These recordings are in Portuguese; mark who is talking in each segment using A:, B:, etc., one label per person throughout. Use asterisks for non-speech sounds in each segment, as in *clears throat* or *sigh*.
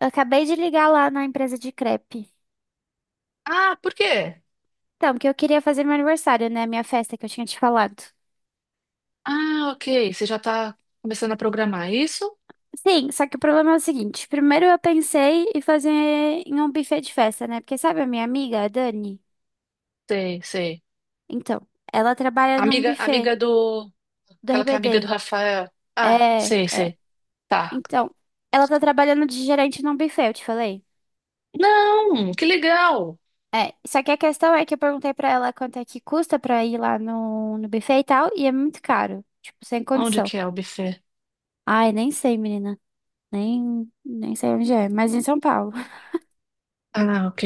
A: Eu acabei de ligar lá na empresa de crepe.
B: Ah, por quê?
A: Então, porque eu queria fazer meu aniversário, né? Minha festa que eu tinha te falado.
B: Ah, ok. Você já tá começando a programar, é isso?
A: Sim, só que o problema é o seguinte. Primeiro eu pensei em fazer em um buffet de festa, né? Porque sabe a minha amiga, a Dani?
B: Sei, sei.
A: Então, ela trabalha num
B: Amiga,
A: buffet
B: amiga do.
A: do
B: Aquela que é amiga do
A: RBD.
B: Rafael. Ah,
A: É,
B: sei,
A: é.
B: sei. Tá.
A: Então, ela tá trabalhando de gerente num buffet, eu te falei.
B: Não, que legal.
A: É, só que a questão é que eu perguntei pra ela quanto é que custa pra ir lá no buffet e tal, e é muito caro. Tipo, sem
B: Onde
A: condição.
B: que é o buffet?
A: Ai, nem sei, menina. Nem sei onde é, mas em São Paulo.
B: Ah, ok.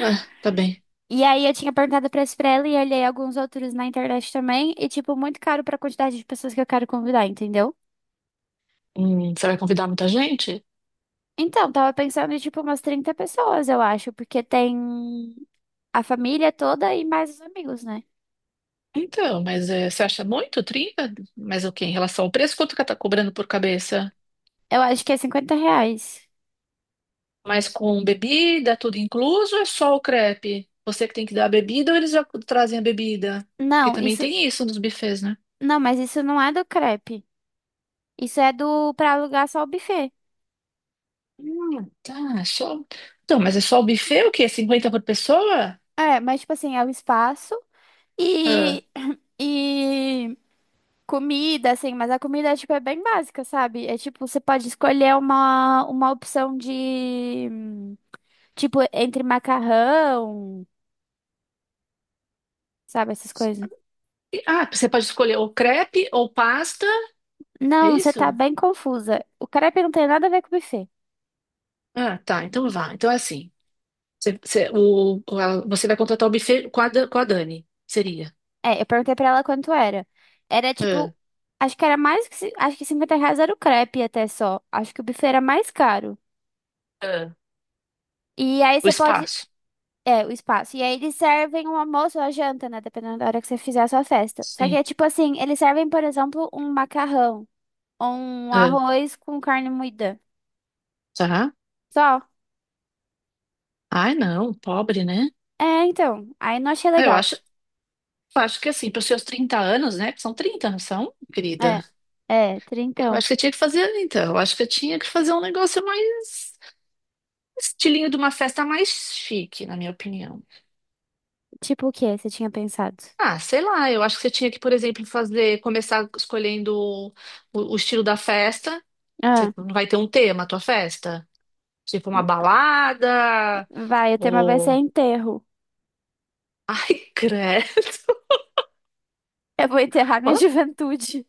B: Ah, tá bem.
A: E aí eu tinha perguntado pra isso pra ela e olhei alguns outros na internet também. E, tipo, muito caro pra quantidade de pessoas que eu quero convidar, entendeu?
B: Você vai convidar muita gente?
A: Então, tava pensando em, tipo, umas 30 pessoas, eu acho. Porque tem a família toda e mais os amigos, né?
B: Então, mas você acha muito? Trinta? Mas o quê? Em relação ao preço, quanto que ela tá cobrando por cabeça?
A: Eu acho que é cinquenta reais.
B: Mas com bebida, tudo incluso, ou é só o crepe? Você que tem que dar a bebida ou eles já trazem a bebida? Porque
A: Não,
B: também
A: isso...
B: tem isso nos buffets, né?
A: Não, mas isso não é do crepe. Isso é do... Pra alugar só o buffet.
B: Tá, só. Então, mas é só o buffet, o quê? Cinquenta por pessoa?
A: É, mas, tipo assim, é o espaço
B: Ah,
A: e... *clears throat* E comida, assim, mas a comida é, tipo, é bem básica, sabe? É tipo, você pode escolher uma opção de, tipo, entre macarrão, sabe, essas coisas.
B: ah, você pode escolher ou crepe ou pasta, é
A: Não, você tá
B: isso?
A: bem confusa. O crepe não tem nada a ver com buffet.
B: Ah, tá, então vá. Então é assim. Você, você vai contratar o buffet com a, com a Dani, seria.
A: É, eu perguntei pra ela quanto era. Era,
B: Ah,
A: tipo, acho que era mais que, acho que 50 reais era o crepe até só. Acho que o buffet era mais caro.
B: ah,
A: E aí
B: o
A: você pode,
B: espaço.
A: é, o espaço. E aí eles servem um almoço ou a janta, né? Dependendo da hora que você fizer a sua festa. Só que
B: Sim.
A: é tipo assim, eles servem, por exemplo, um macarrão ou um
B: Ah,
A: arroz com carne moída.
B: tá.
A: Só.
B: Ai, não, pobre, né?
A: É, então. Aí não achei
B: Ah, eu
A: legal.
B: acho. Eu acho que assim, para os seus 30 anos, né? Que são 30, não são, querida?
A: É. É,
B: Eu
A: trintão.
B: acho que eu tinha que fazer, então. Eu acho que eu tinha que fazer um negócio mais. Estilinho de uma festa mais chique, na minha opinião.
A: Tipo o que você tinha pensado?
B: Ah, sei lá, eu acho que você tinha que, por exemplo, fazer. Começar escolhendo o estilo da festa.
A: Ah,
B: Você não vai ter um tema a tua festa? Tipo uma balada.
A: vai, o tema vai ser
B: Ou.
A: enterro.
B: Ai, credo.
A: Eu vou enterrar minha *laughs*
B: *laughs*
A: juventude.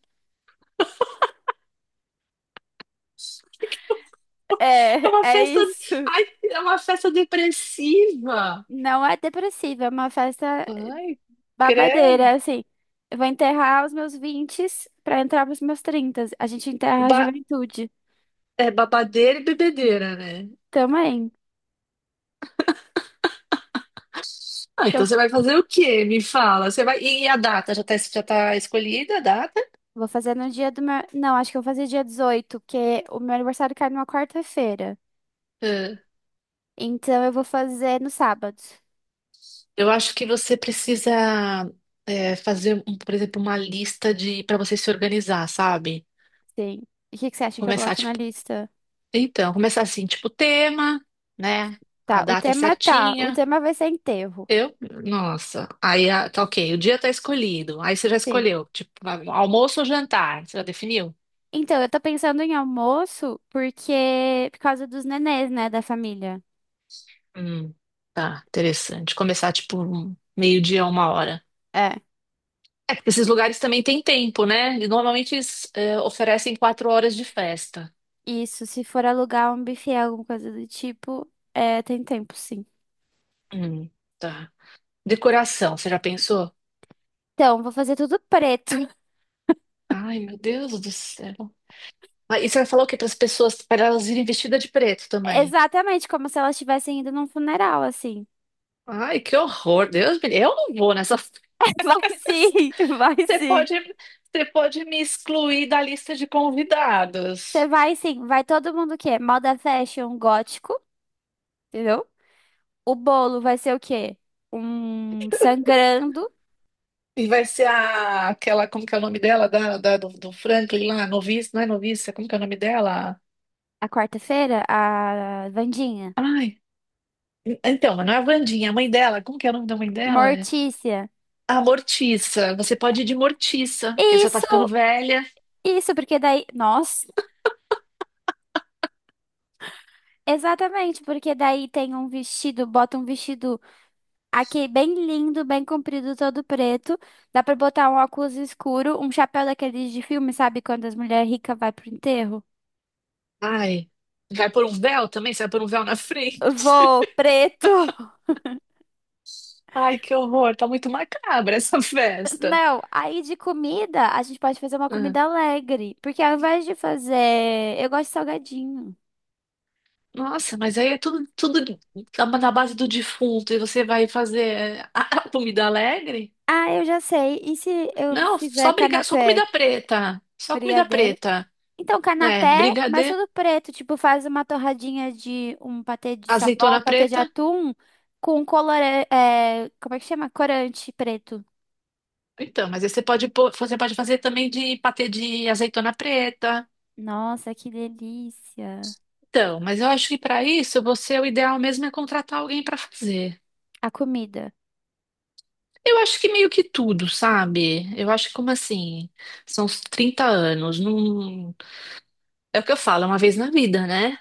B: É
A: É,
B: uma
A: é
B: festa.
A: isso.
B: Ai, é uma festa depressiva.
A: Não é depressiva, é uma festa
B: Ai,
A: babadeira,
B: credo.
A: é assim. Eu vou enterrar os meus 20 pra entrar pros meus trinta. A gente enterra a
B: Ba-
A: juventude
B: é babadeira e bebedeira, né?
A: também.
B: Ah,
A: Então,
B: então você vai fazer o quê? Me fala. Você vai... E a data? Já tá escolhida a data?
A: vou fazer no dia do meu. Não, acho que eu vou fazer dia 18 porque o meu aniversário cai numa quarta-feira.
B: É.
A: Então, eu vou fazer no sábado.
B: Eu acho que você precisa é, fazer, por exemplo, uma lista de para você se organizar, sabe?
A: Sim. E o que que você acha que eu
B: Começar,
A: boto na
B: tipo,
A: lista?
B: então, começar assim, tipo, tema, né? A data
A: Tá. O
B: certinha.
A: tema vai ser enterro.
B: Eu, nossa, aí ah, tá ok, o dia tá escolhido. Aí você já
A: Sim.
B: escolheu, tipo, almoço ou jantar? Você já definiu?
A: Então, eu tô pensando em almoço porque por causa dos nenês, né, da família.
B: Hum, tá, interessante. Começar tipo um meio-dia, uma hora.
A: É.
B: É, porque esses lugares também têm tempo, né? E normalmente eles é, oferecem quatro horas de festa.
A: Isso, se for alugar um buffet, alguma coisa do tipo, é, tem tempo, sim.
B: Hum, tá. Decoração, você já pensou?
A: Então, vou fazer tudo preto.
B: Ai, meu Deus do céu. Ah, e você vai falar o quê para as pessoas, para elas irem vestidas de preto
A: *laughs*
B: também?
A: Exatamente, como se elas estivessem indo num funeral, assim.
B: Ai, que horror, Deus me... Eu não vou nessa *laughs*
A: *laughs* Vai
B: festa.
A: sim, vai
B: Você
A: sim.
B: pode, você pode me excluir da lista de
A: Você
B: convidados.
A: vai sim, vai todo mundo o quê? Moda fashion gótico, entendeu? O bolo vai ser o quê? Um sangrando.
B: E vai ser a, aquela, como que é o nome dela, do Franklin lá, noviça, não é noviça, como que é o nome dela?
A: A quarta-feira, a Vandinha.
B: Ai, então, mas não é a Wandinha, é a mãe dela, como que é o nome da mãe dela? É
A: Mortícia.
B: a Mortiça, você pode ir de Mortiça, porque você tá ficando
A: Isso,
B: velha.
A: isso, porque daí. Nossa, exatamente, porque daí tem um vestido, bota um vestido. Aqui, bem lindo, bem comprido, todo preto. Dá pra botar um óculos escuro, um chapéu daqueles de filme, sabe? Quando as mulheres ricas vai pro enterro.
B: Ai, vai pôr um véu também? Você vai pôr um véu na frente?
A: Vou,
B: *laughs*
A: preto.
B: Ai, que horror, tá muito macabra essa
A: *laughs*
B: festa.
A: Não, aí de comida, a gente pode fazer uma
B: Ah,
A: comida alegre. Porque ao invés de fazer. Eu gosto de salgadinho.
B: nossa, mas aí é tudo na base do defunto, e você vai fazer é, a comida alegre?
A: Ah, eu já sei. E se eu
B: Não,
A: fizer
B: só briga, só
A: canapé?
B: comida preta. Só comida
A: Brigadeiro.
B: preta.
A: Então,
B: É,
A: canapé, mas
B: brigadeiro,
A: tudo preto. Tipo, faz uma torradinha de um patê de salmão, um
B: azeitona
A: patê de
B: preta.
A: atum com colorante. É, como é que chama? Corante preto.
B: Então, mas aí você você pode fazer também de patê de azeitona preta.
A: Nossa, que delícia.
B: Então, mas eu acho que para isso você o ideal mesmo é contratar alguém para fazer.
A: A comida.
B: Eu acho que meio que tudo, sabe? Eu acho que como assim, são uns 30 anos, não é o que eu falo, é uma vez na vida, né?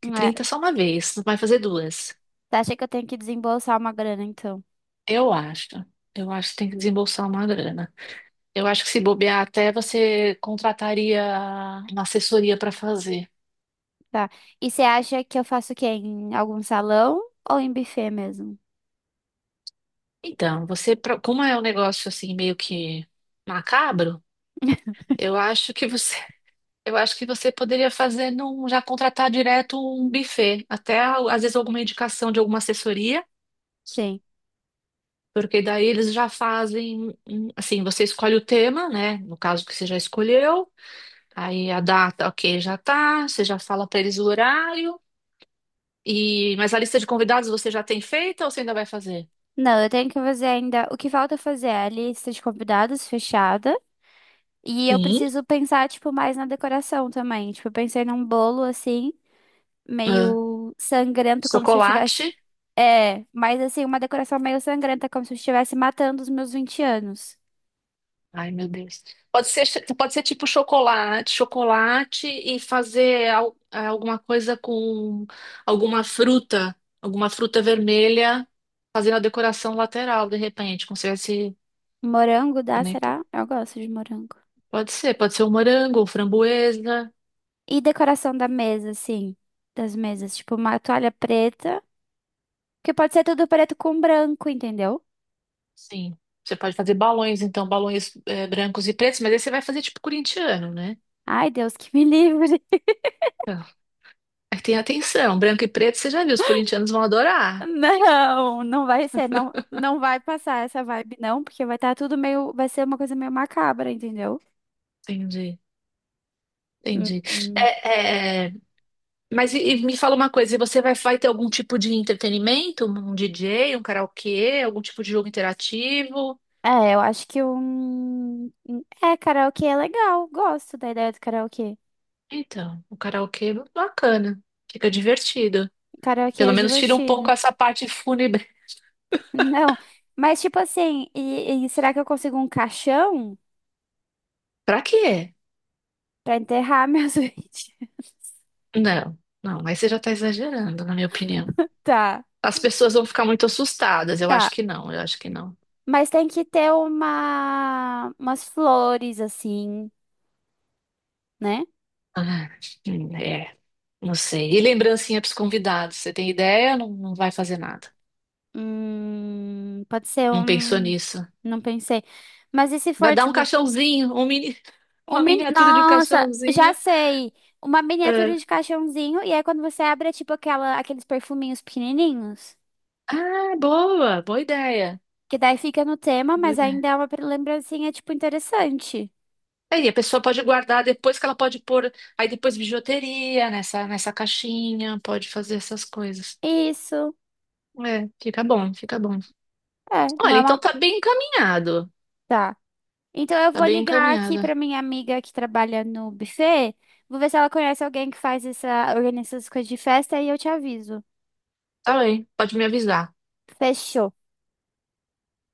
B: Que
A: É,
B: 30 é só uma vez, não vai fazer duas.
A: tá, achei que eu tenho que desembolsar uma grana, então.
B: Eu acho. Eu acho que tem que desembolsar uma grana. Eu acho que se bobear até você contrataria uma assessoria para fazer.
A: Tá. E você acha que eu faço o quê? Em algum salão ou em buffet mesmo?
B: Então, você, como é um negócio assim meio que macabro,
A: *laughs*
B: eu acho que você, *laughs* eu acho que você poderia fazer num, já contratar direto um buffet, até às vezes alguma indicação de alguma assessoria,
A: Sim.
B: porque daí eles já fazem, assim, você escolhe o tema, né? No caso que você já escolheu, aí a data, ok, já tá, você já fala para eles o horário. E, mas a lista de convidados você já tem feita ou você ainda vai fazer?
A: Não, eu tenho que fazer ainda. O que falta fazer é a lista de convidados fechada. E eu
B: Sim.
A: preciso pensar, tipo, mais na decoração também. Tipo, eu pensei num bolo, assim,
B: Ah,
A: meio sangrento, como se eu tivesse...
B: chocolate.
A: É, mas assim, uma decoração meio sangrenta, como se eu estivesse matando os meus 20 anos.
B: Ai, meu Deus. Pode ser, pode ser tipo chocolate, chocolate e fazer é, alguma coisa com alguma fruta, alguma fruta vermelha, fazendo a decoração lateral, de repente, como se tivesse
A: Morango dá,
B: também
A: será? Eu gosto de morango.
B: pode ser um morango, um framboesa.
A: E decoração da mesa, assim, das mesas. Tipo, uma toalha preta, que pode ser tudo preto com branco, entendeu?
B: Sim. Você pode fazer balões, então, balões brancos e pretos, mas aí você vai fazer tipo corintiano, né?
A: Ai, Deus, que me *laughs* livre.
B: Então, aí tem atenção, branco e preto, você já viu, os corintianos vão adorar.
A: Não, não vai ser, não, não vai passar essa vibe, não, porque vai estar tudo meio, vai ser uma coisa meio macabra, entendeu?
B: Entendi.
A: Hum,
B: Entendi.
A: hum.
B: É, é, mas e me fala uma coisa, e você vai, vai ter algum tipo de entretenimento? Um DJ, um karaokê, algum tipo de jogo interativo?
A: É, eu acho que é, karaokê é legal, gosto da ideia do karaokê.
B: Então, o karaokê é bacana, fica divertido.
A: Karaokê
B: Pelo
A: é
B: menos tira um
A: divertido.
B: pouco essa parte fúnebre.
A: *laughs* Não, mas tipo assim, e será que eu consigo um caixão
B: Pra quê?
A: pra enterrar meus *laughs* vídeos?
B: Não, não, aí você já tá exagerando, na minha opinião.
A: Tá,
B: As pessoas vão ficar muito assustadas, eu acho
A: tá.
B: que não, eu acho que não.
A: Mas tem que ter uma, umas flores assim, né?
B: Ah, é, não sei. E lembrancinha pros convidados, você tem ideia? Não, não vai fazer nada.
A: Pode ser
B: Não pensou
A: um.
B: nisso.
A: Não pensei. Mas e se
B: Vai
A: for,
B: dar um
A: tipo,
B: caixãozinho, um mini... *laughs*
A: um
B: uma
A: mini...
B: miniatura de um
A: Nossa, já
B: caixãozinho.
A: sei. Uma miniatura
B: É.
A: de caixãozinho. E aí, quando você abre, é tipo aquela, aqueles perfuminhos pequenininhos.
B: Ah, boa, boa ideia.
A: Que daí fica no tema,
B: Boa
A: mas
B: ideia.
A: ainda é uma lembrancinha, tipo, interessante.
B: Aí a pessoa pode guardar depois que ela pode pôr, aí depois bijuteria nessa, nessa caixinha, pode fazer essas coisas.
A: Isso.
B: É, fica bom, fica bom.
A: É, não
B: Olha,
A: é
B: então
A: uma...
B: tá bem encaminhado.
A: Tá. Então, eu
B: Tá
A: vou
B: bem
A: ligar aqui
B: encaminhado.
A: pra minha amiga que trabalha no buffet. Vou ver se ela conhece alguém que faz essa... Organiza essas coisas de festa e eu te aviso.
B: Tá bem, pode me avisar.
A: Fechou.